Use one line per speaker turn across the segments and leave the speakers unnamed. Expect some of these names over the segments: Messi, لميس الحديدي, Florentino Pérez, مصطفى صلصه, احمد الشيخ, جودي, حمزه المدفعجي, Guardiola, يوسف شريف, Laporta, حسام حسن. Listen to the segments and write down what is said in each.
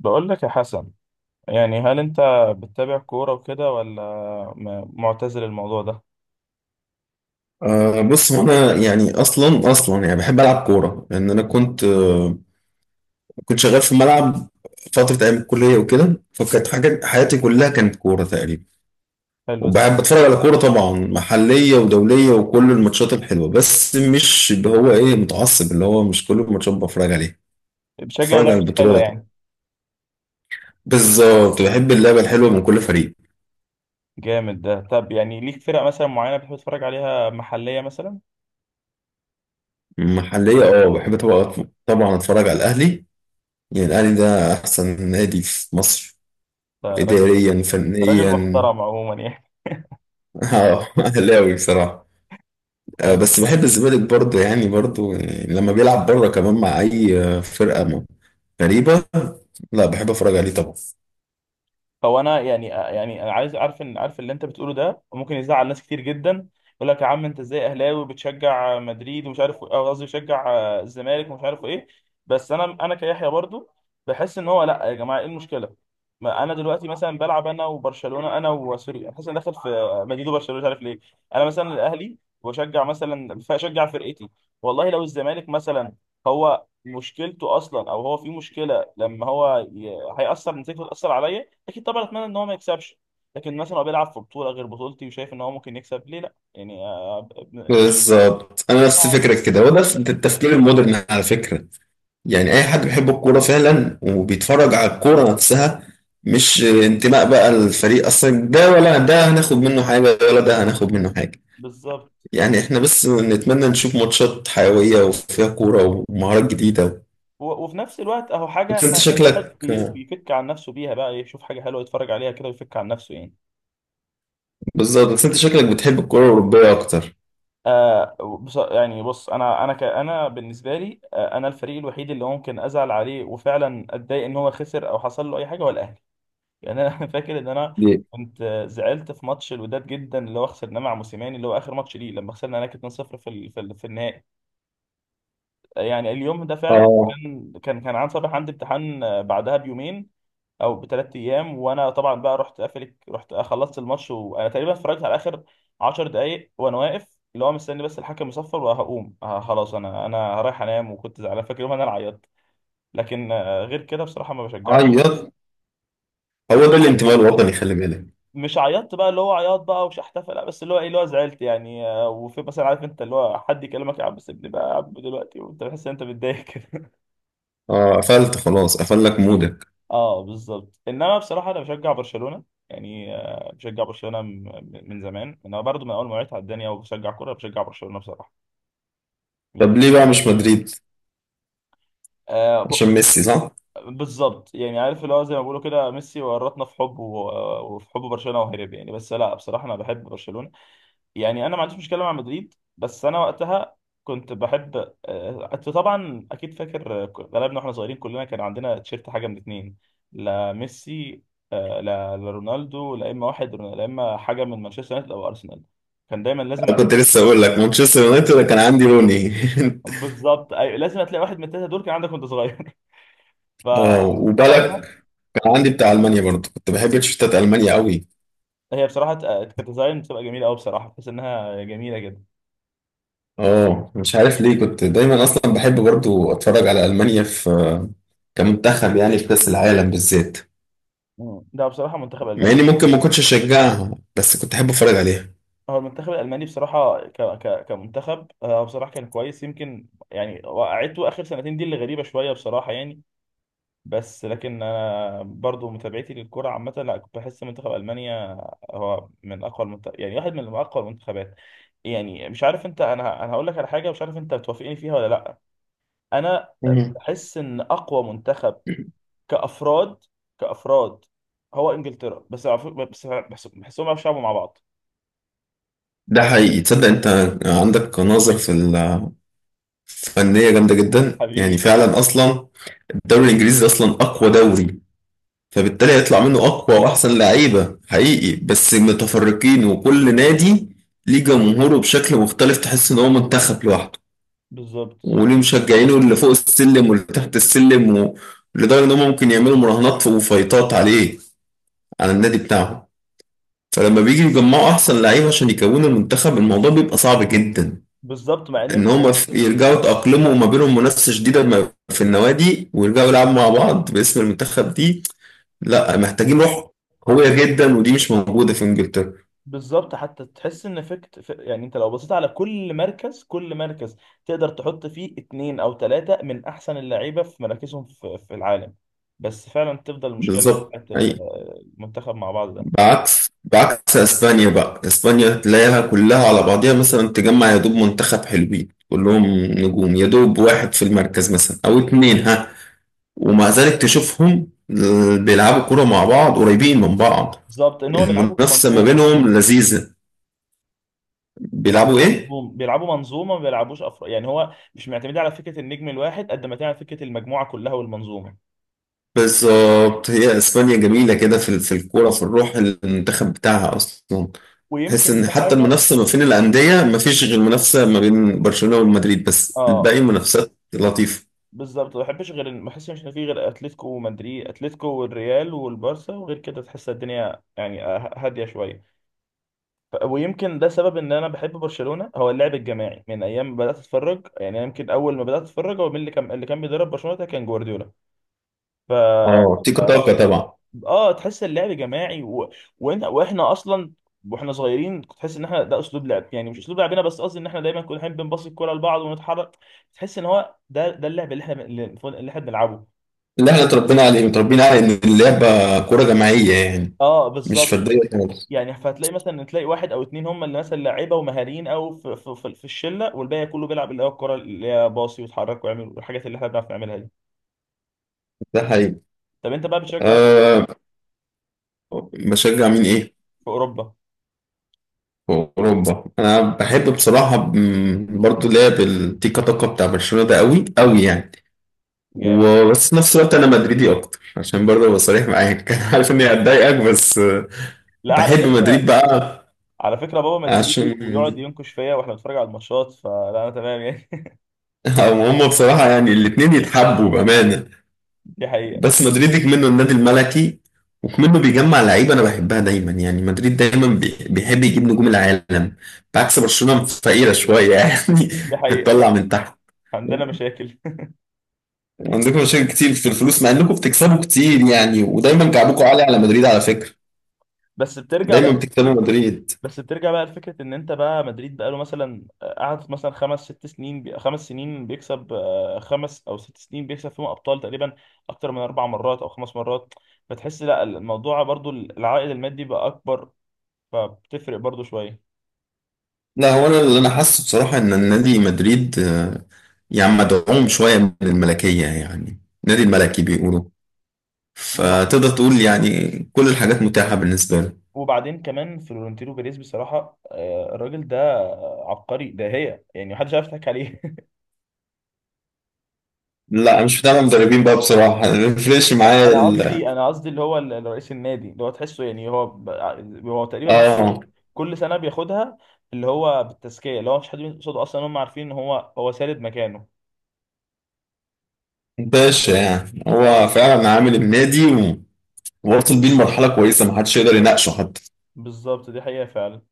بقول لك يا حسن، يعني هل انت بتتابع كورة وكده، ولا معتزل الموضوع ده؟
أه بص، هو انا يعني اصلا يعني بحب العب كوره لان انا كنت كنت شغال في ملعب فتره ايام الكليه وكده، فكانت حاجه حياتي كلها كانت كوره تقريبا.
حلو ده.
وبحب اتفرج على كوره طبعا، محليه ودوليه وكل الماتشات الحلوه، بس مش اللي هو ايه، متعصب اللي هو مش كل الماتشات بتفرج عليها.
بتشجع
بتفرج على
لعبة حلوة
البطولات.
يعني.
بالظبط، بحب اللعبه الحلوه من كل فريق.
جامد ده. طب يعني ليك فرق مثلا معينة بتحب تتفرج عليها، محلية مثلا؟
محليه اه بحب طبعا، طبعا اتفرج على الاهلي، يعني الاهلي ده احسن نادي في مصر،
ده راجل،
اداريا
ده راجل
فنيا.
محترم عموما يعني.
اه اهلاوي بصراحة. بس بحب الزمالك برضه، يعني برضه يعني لما بيلعب بره كمان مع أي غريبة لا بحب أتفرج عليه طبعا.
فهو انا يعني، يعني انا عايز عارف، ان عارف اللي انت بتقوله ده ممكن يزعل ناس كتير جدا. يقول لك يا عم انت ازاي اهلاوي بتشجع مدريد ومش عارف، أو قصدي بتشجع الزمالك ومش عارف ايه. بس انا كيحيى برضو بحس ان هو لا يا جماعه ايه المشكله؟ ما انا دلوقتي مثلا بلعب انا وبرشلونه، انا وسوري، انا حاسس اني داخل في مدريد وبرشلونه مش عارف ليه. انا مثلا الاهلي، واشجع مثلا، فاشجع فرقتي. والله لو الزمالك مثلا هو مشكلته اصلا، او هو في مشكله لما هو هيأثر نتيجته، تأثر عليا اكيد طبعا، اتمنى ان هو ما يكسبش. لكن مثلا هو بيلعب في بطوله غير بطولتي، وشايف ان هو ممكن يكسب، ليه لا؟ يعني يعني
بالظبط أنا نفس
عادي.
فكرك كده، وده التفكير المودرن على فكرة. يعني أي حد بيحب الكورة فعلا وبيتفرج على الكورة نفسها، مش انتماء بقى الفريق أصلا، ده ولا ده هناخد منه حاجة ولا ده هناخد منه حاجة.
بالظبط
يعني احنا بس نتمنى نشوف ماتشات حيوية وفيها كورة ومهارات جديدة.
وفي نفس الوقت اهو حاجه
بس انت
احنا ايه، الواحد
شكلك،
بيفك عن نفسه بيها بقى، يشوف حاجه حلوه يتفرج عليها كده ويفك عن نفسه يعني.
بالظبط بس انت شكلك بتحب الكرة الأوروبية أكتر.
آه بص، يعني بص، انا بالنسبه لي آه، انا الفريق الوحيد اللي ممكن ازعل عليه وفعلا اتضايق ان هو خسر او حصل له اي حاجه هو الاهلي. يعني انا فاكر ان انا
دي
كنت زعلت في ماتش الوداد جدا، اللي هو خسرناه مع موسيماني، اللي هو اخر ماتش ليه، لما خسرنا هناك 2-0 في النهائي. يعني اليوم ده فعلا
اه
كان عن صباح عندي امتحان بعدها بيومين او بثلاث ايام، وانا طبعا بقى رحت قافل، رحت خلصت الماتش وانا تقريبا اتفرجت على اخر 10 دقائق وانا واقف اللي هو مستني بس الحكم يصفر، وهقوم آه خلاص، انا رايح انام. وكنت زعلان، فاكر يوم انا اللي عيطت. لكن غير كده بصراحه ما بشجعش.
عيط. هو
مش
ده الانتماء الوطني، خلي بالك.
مش عيطت بقى اللي هو عياط بقى، ومش هحتفل لا، بس اللي هو ايه اللي هو زعلت يعني وفي مثلا عارف انت اللي هو حد يكلمك، يا عم سيبني بقى يا عم دلوقتي، وانت بتحس ان انت متضايق كده.
اه قفلت خلاص، قفل لك مودك.
اه بالظبط، انما بصراحه انا بشجع برشلونه. يعني بشجع برشلونه من زمان، انا برضو من اول ما وعيت على الدنيا وبشجع كوره، بشجع برشلونه بصراحه. مم.
طب ليه بقى مش مدريد؟
آه
عشان
ب...
ميسي صح؟
بالظبط. يعني عارف اللي هو زي ما بيقولوا كده، ميسي ورطنا في حبه وفي حب برشلونه وهرب يعني. بس لا بصراحه انا بحب برشلونه. يعني انا ما عنديش مشكله مع مدريد، بس انا وقتها كنت بحب. انت طبعا اكيد فاكر، غلبنا واحنا صغيرين كلنا كان عندنا تيشيرت حاجه من اتنين، لا ميسي، لا رونالدو، لا اما حاجه من مانشستر يونايتد او ارسنال، كان دايما
أنا
لازم.
كنت لسه أقول لك مانشستر يونايتد، أنا كان عندي روني
بالظبط أيوة، لازم هتلاقي واحد من الثلاثه دول كان عندك وانت صغير.
اه وبالك
فوقتها
كان عندي بتاع ألمانيا برضه، كنت بحب تيشيرتات ألمانيا قوي.
هي بصراحه كانت ديزاين بتبقى جميله قوي بصراحه، بحس انها جميله جدا.
اه مش عارف ليه، كنت دايما أصلا بحب برضه أتفرج على ألمانيا في كمنتخب، يعني في كأس العالم بالذات.
مم. ده بصراحه منتخب
مع إني
الماني.
ممكن ما كنتش أشجعها، بس كنت أحب أتفرج عليها.
هو المنتخب الألماني بصراحة كمنتخب، بصراحة كان كويس، يمكن يعني وقعته آخر سنتين دي اللي غريبة شوية بصراحة يعني. بس لكن أنا برضو متابعتي للكرة عامة، لا كنت بحس منتخب ألمانيا هو من أقوى المنتخب، يعني واحد من أقوى المنتخبات. يعني مش عارف أنت، أنا هقول لك على حاجة مش عارف أنت بتوافقني فيها ولا لأ. أنا
مم.
بحس إن أقوى منتخب كأفراد، كأفراد، هو إنجلترا، بس بس بحسهم بيعرفوا يلعبوا مع بعض.
ده حقيقي تصدق انت، عندك نظر في الفنية جامدة جدا
حبيبي
يعني
والله.
فعلا. اصلا الدوري الانجليزي اصلا اقوى دوري، فبالتالي هيطلع منه اقوى واحسن لعيبة حقيقي. بس متفرقين وكل نادي ليه جمهوره بشكل مختلف، تحس ان هو منتخب لوحده
بالظبط.
وليه مشجعينه اللي فوق السلم واللي تحت السلم و- لدرجة ان هم ممكن يعملوا مراهنات وفايتات عليه، على النادي بتاعهم. فلما بيجي يجمعوا احسن لعيبة عشان يكونوا المنتخب، الموضوع بيبقى صعب جدا،
بالظبط مع ان
ان
انت
هما في- يرجعوا يتأقلموا، وما بينهم منافسة شديدة ما- في النوادي، ويرجعوا يلعبوا مع بعض باسم المنتخب دي، لا محتاجين روح قوية جدا، ودي مش موجودة في انجلترا.
بالظبط. حتى تحس ان فكت يعني انت لو بصيت على كل مركز، كل مركز تقدر تحط فيه اتنين او تلاتة من احسن اللعيبه في مراكزهم في العالم. بس فعلا تفضل المشكله اللي هي
بالظبط حقيقي.
المنتخب مع بعض ده.
بعكس اسبانيا بقى، اسبانيا تلاقيها كلها على بعضيها، مثلا تجمع يا دوب منتخب حلوين كلهم نجوم، يا دوب واحد في المركز مثلا او اتنين ها. ومع ذلك تشوفهم بيلعبوا كرة مع بعض قريبين من بعض.
بالظبط، ان هو بيلعبوا
المنافسة ما
كمنظومه.
بينهم لذيذة. بيلعبوا ايه؟
بيلعبوا منظومه، ما بيلعبوش افراد يعني، هو مش معتمدين على فكره النجم الواحد قد ما تعمل فكره المجموعه كلها والمنظومه.
بالظبط، هي اسبانيا جميله كده في الكوره في الروح المنتخب بتاعها اصلا. حس
ويمكن
ان
ده
حتى
حاجه.
المنافسه ما بين الانديه ما فيش غير منافسه ما بين برشلونه ومدريد، بس الباقي
اه
منافسات لطيفه.
بالظبط، ما بحبش غير ما بحسش ان في غير اتلتيكو ومدريد، اتلتيكو والريال والبارسا، وغير كده تحس الدنيا يعني هاديه شويه. ويمكن ده سبب ان انا بحب برشلونه، هو اللعب الجماعي من ايام ما بدات اتفرج. يعني أنا يمكن اول ما بدات اتفرج، هو مين اللي كان بيدرب برشلونه ده؟ كان جوارديولا. ف اه
اه تيكا تاكا طبعا.
آه، تحس اللعب جماعي واحنا اصلا واحنا صغيرين، كنت تحس ان احنا ده اسلوب لعب، يعني مش اسلوب لعبنا، بس قصدي ان احنا دايما كنا بنبص الكوره لبعض ونتحرك. تحس ان هو ده اللعب اللي احنا بنلعبه.
اللي احنا اتربينا عليه، متربيين على ان اللعبه كوره جماعيه يعني،
اه
مش
بالظبط.
فرديه خالص.
يعني فتلاقي مثلا، تلاقي واحد او اتنين هم اللي مثلا لعيبه ومهاريين او في الشله، والباقي كله بيلعب اللي هو الكره اللي هي باصي ويتحرك ويعمل الحاجات اللي احنا بنعرف نعملها دي.
ده حقيقي.
طب انت بقى بتشجع
أه بشجع مين ايه،
في اوروبا.
في اوروبا. انا بحب بصراحه برضو لعب التيكا تاكا بتاع برشلونه ده قوي قوي يعني.
جامد.
وبس في نفس الوقت انا مدريدي اكتر، عشان برضه ابقى صريح معاك انا عارف اني هتضايقك بس
لا على
بحب مدريد
فكره،
بقى،
على فكره بابا مدريدي ويقعد
عشان
ينكش فيا واحنا بنتفرج على الماتشات، فلا انا تمام يعني.
هم بصراحة يعني الاتنين يتحبوا بأمانة.
دي حقيقه.
بس مدريد كمنه النادي الملكي، وكمنه بيجمع لعيبة أنا بحبها دايما، يعني مدريد دايما بيحب يجيب نجوم العالم، بعكس برشلونة فقيرة شوية يعني،
دي حقيقه.
بتطلع من تحت.
عندنا مشاكل.
عندكم مشاكل كتير في الفلوس، مع انكم بتكسبوا كتير يعني، ودايما كعبكم عالي على مدريد على فكرة،
بس بترجع
دايما
بقى،
بتكسبوا مدريد.
بس بترجع بقى لفكرة إن أنت بقى مدريد بقى له مثلا، قعد مثلا خمس ست سنين خمس سنين بيكسب، خمس أو ست سنين بيكسب فيهم أبطال تقريبا، أكتر من أربع مرات أو خمس مرات. فتحس لا الموضوع برضو العائد المادي بقى أكبر، فبتفرق برضو شوية.
لا، هو انا اللي انا حاسه بصراحه ان النادي مدريد يعني مدعوم شويه من الملكيه يعني، نادي الملكي بيقولوا، فتقدر
وبعدين،
تقول يعني كل الحاجات متاحه بالنسبه له.
وبعدين كمان فلورنتينو بيريز بصراحة، الراجل ده عبقري، ده هي يعني محدش عارف يضحك عليه.
لا مش بتاع مدربين بقى بصراحه، ريفريش معايا
انا
ال-
قصدي، انا قصدي اللي هو رئيس النادي، اللي هو تحسه يعني هو هو تقريبا كل
اه،
كل سنه بياخدها، اللي هو بالتزكيه، اللي هو مش حد بيمسك قصاده اصلا، هم عارفين ان هو سارد مكانه.
باشا يعني
اه
هو
ب-
فعلا عامل النادي و- ووصل بيه لمرحله كويسه ما حدش يقدر يناقشه حتى.
بالظبط، دي حقيقه فعلا.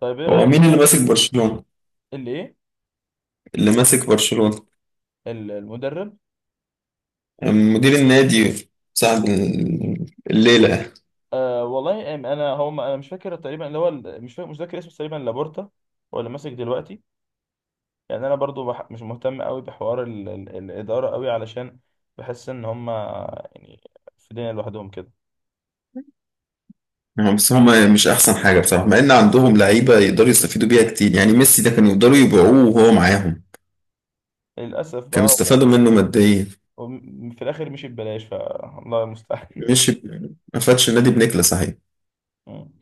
طيب ايه
هو
رايك
مين اللي
بقى
ماسك برشلونه؟
اللي ايه؟
اللي ماسك برشلونه،
المدرب.
مدير النادي صاحب الليله يعني.
انا هو انا مش فاكر تقريبا، اللي هو مش فاكر، مش فاكر اسمه، تقريبا لابورتا هو اللي ماسك دلوقتي. يعني انا برضو مش مهتم قوي بحوار الاداره قوي، علشان بحس ان هم يعني في دنيا لوحدهم كده.
هم- بس هم مش احسن حاجه بصراحه، مع ان عندهم لعيبه يقدروا يستفيدوا بيها كتير، يعني ميسي ده كانوا يقدروا يبيعوه وهو معاهم،
للأسف بقى
كانوا
هو
استفادوا منه ماديا.
في الآخر مشي ببلاش، فالله المستعان.
مش ما فادش النادي بنكله صحيح،
مم.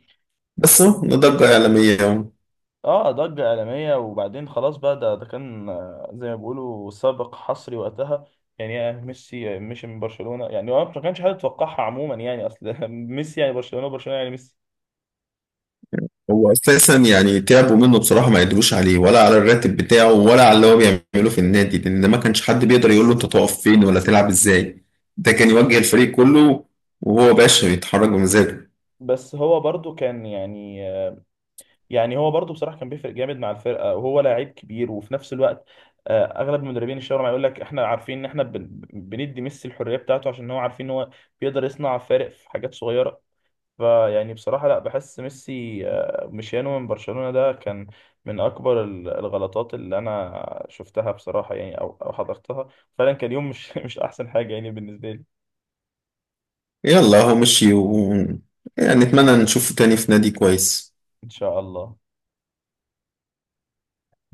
بس هو ده ضجه اعلاميه اهو.
اه ضجة عالمية، وبعدين خلاص بقى، ده كان زي ما بيقولوا سابق حصري وقتها. يعني يا ميسي مشي من برشلونة، يعني هو ما كانش حد يتوقعها عموما، يعني أصل ميسي يعني برشلونة، وبرشلونة يعني ميسي.
هو اساسا يعني تعبوا منه بصراحه، ما قدروش عليه ولا على الراتب بتاعه ولا على اللي هو بيعمله في النادي، لان ما كانش حد بيقدر يقول له انت تقف فين ولا تلعب ازاي، ده كان يوجه الفريق كله، وهو باشا بيتحرك بمزاجه.
بس هو برضو كان يعني، يعني هو برضه بصراحه كان بيفرق جامد مع الفرقه، وهو لعيب كبير، وفي نفس الوقت اغلب المدربين الشاورما معاه، يقول لك احنا عارفين ان احنا بندي ميسي الحريه بتاعته، عشان هو عارفين ان هو بيقدر يصنع فارق في حاجات صغيره. فيعني بصراحه لا، بحس ميسي مشيانه من برشلونه ده كان من اكبر الغلطات اللي انا شفتها بصراحه يعني، او او حضرتها. فعلا كان يوم مش مش احسن حاجه يعني بالنسبه لي.
يلا هو مشي و... يعني نتمنى نشوفه تاني في نادي كويس
ان شاء الله.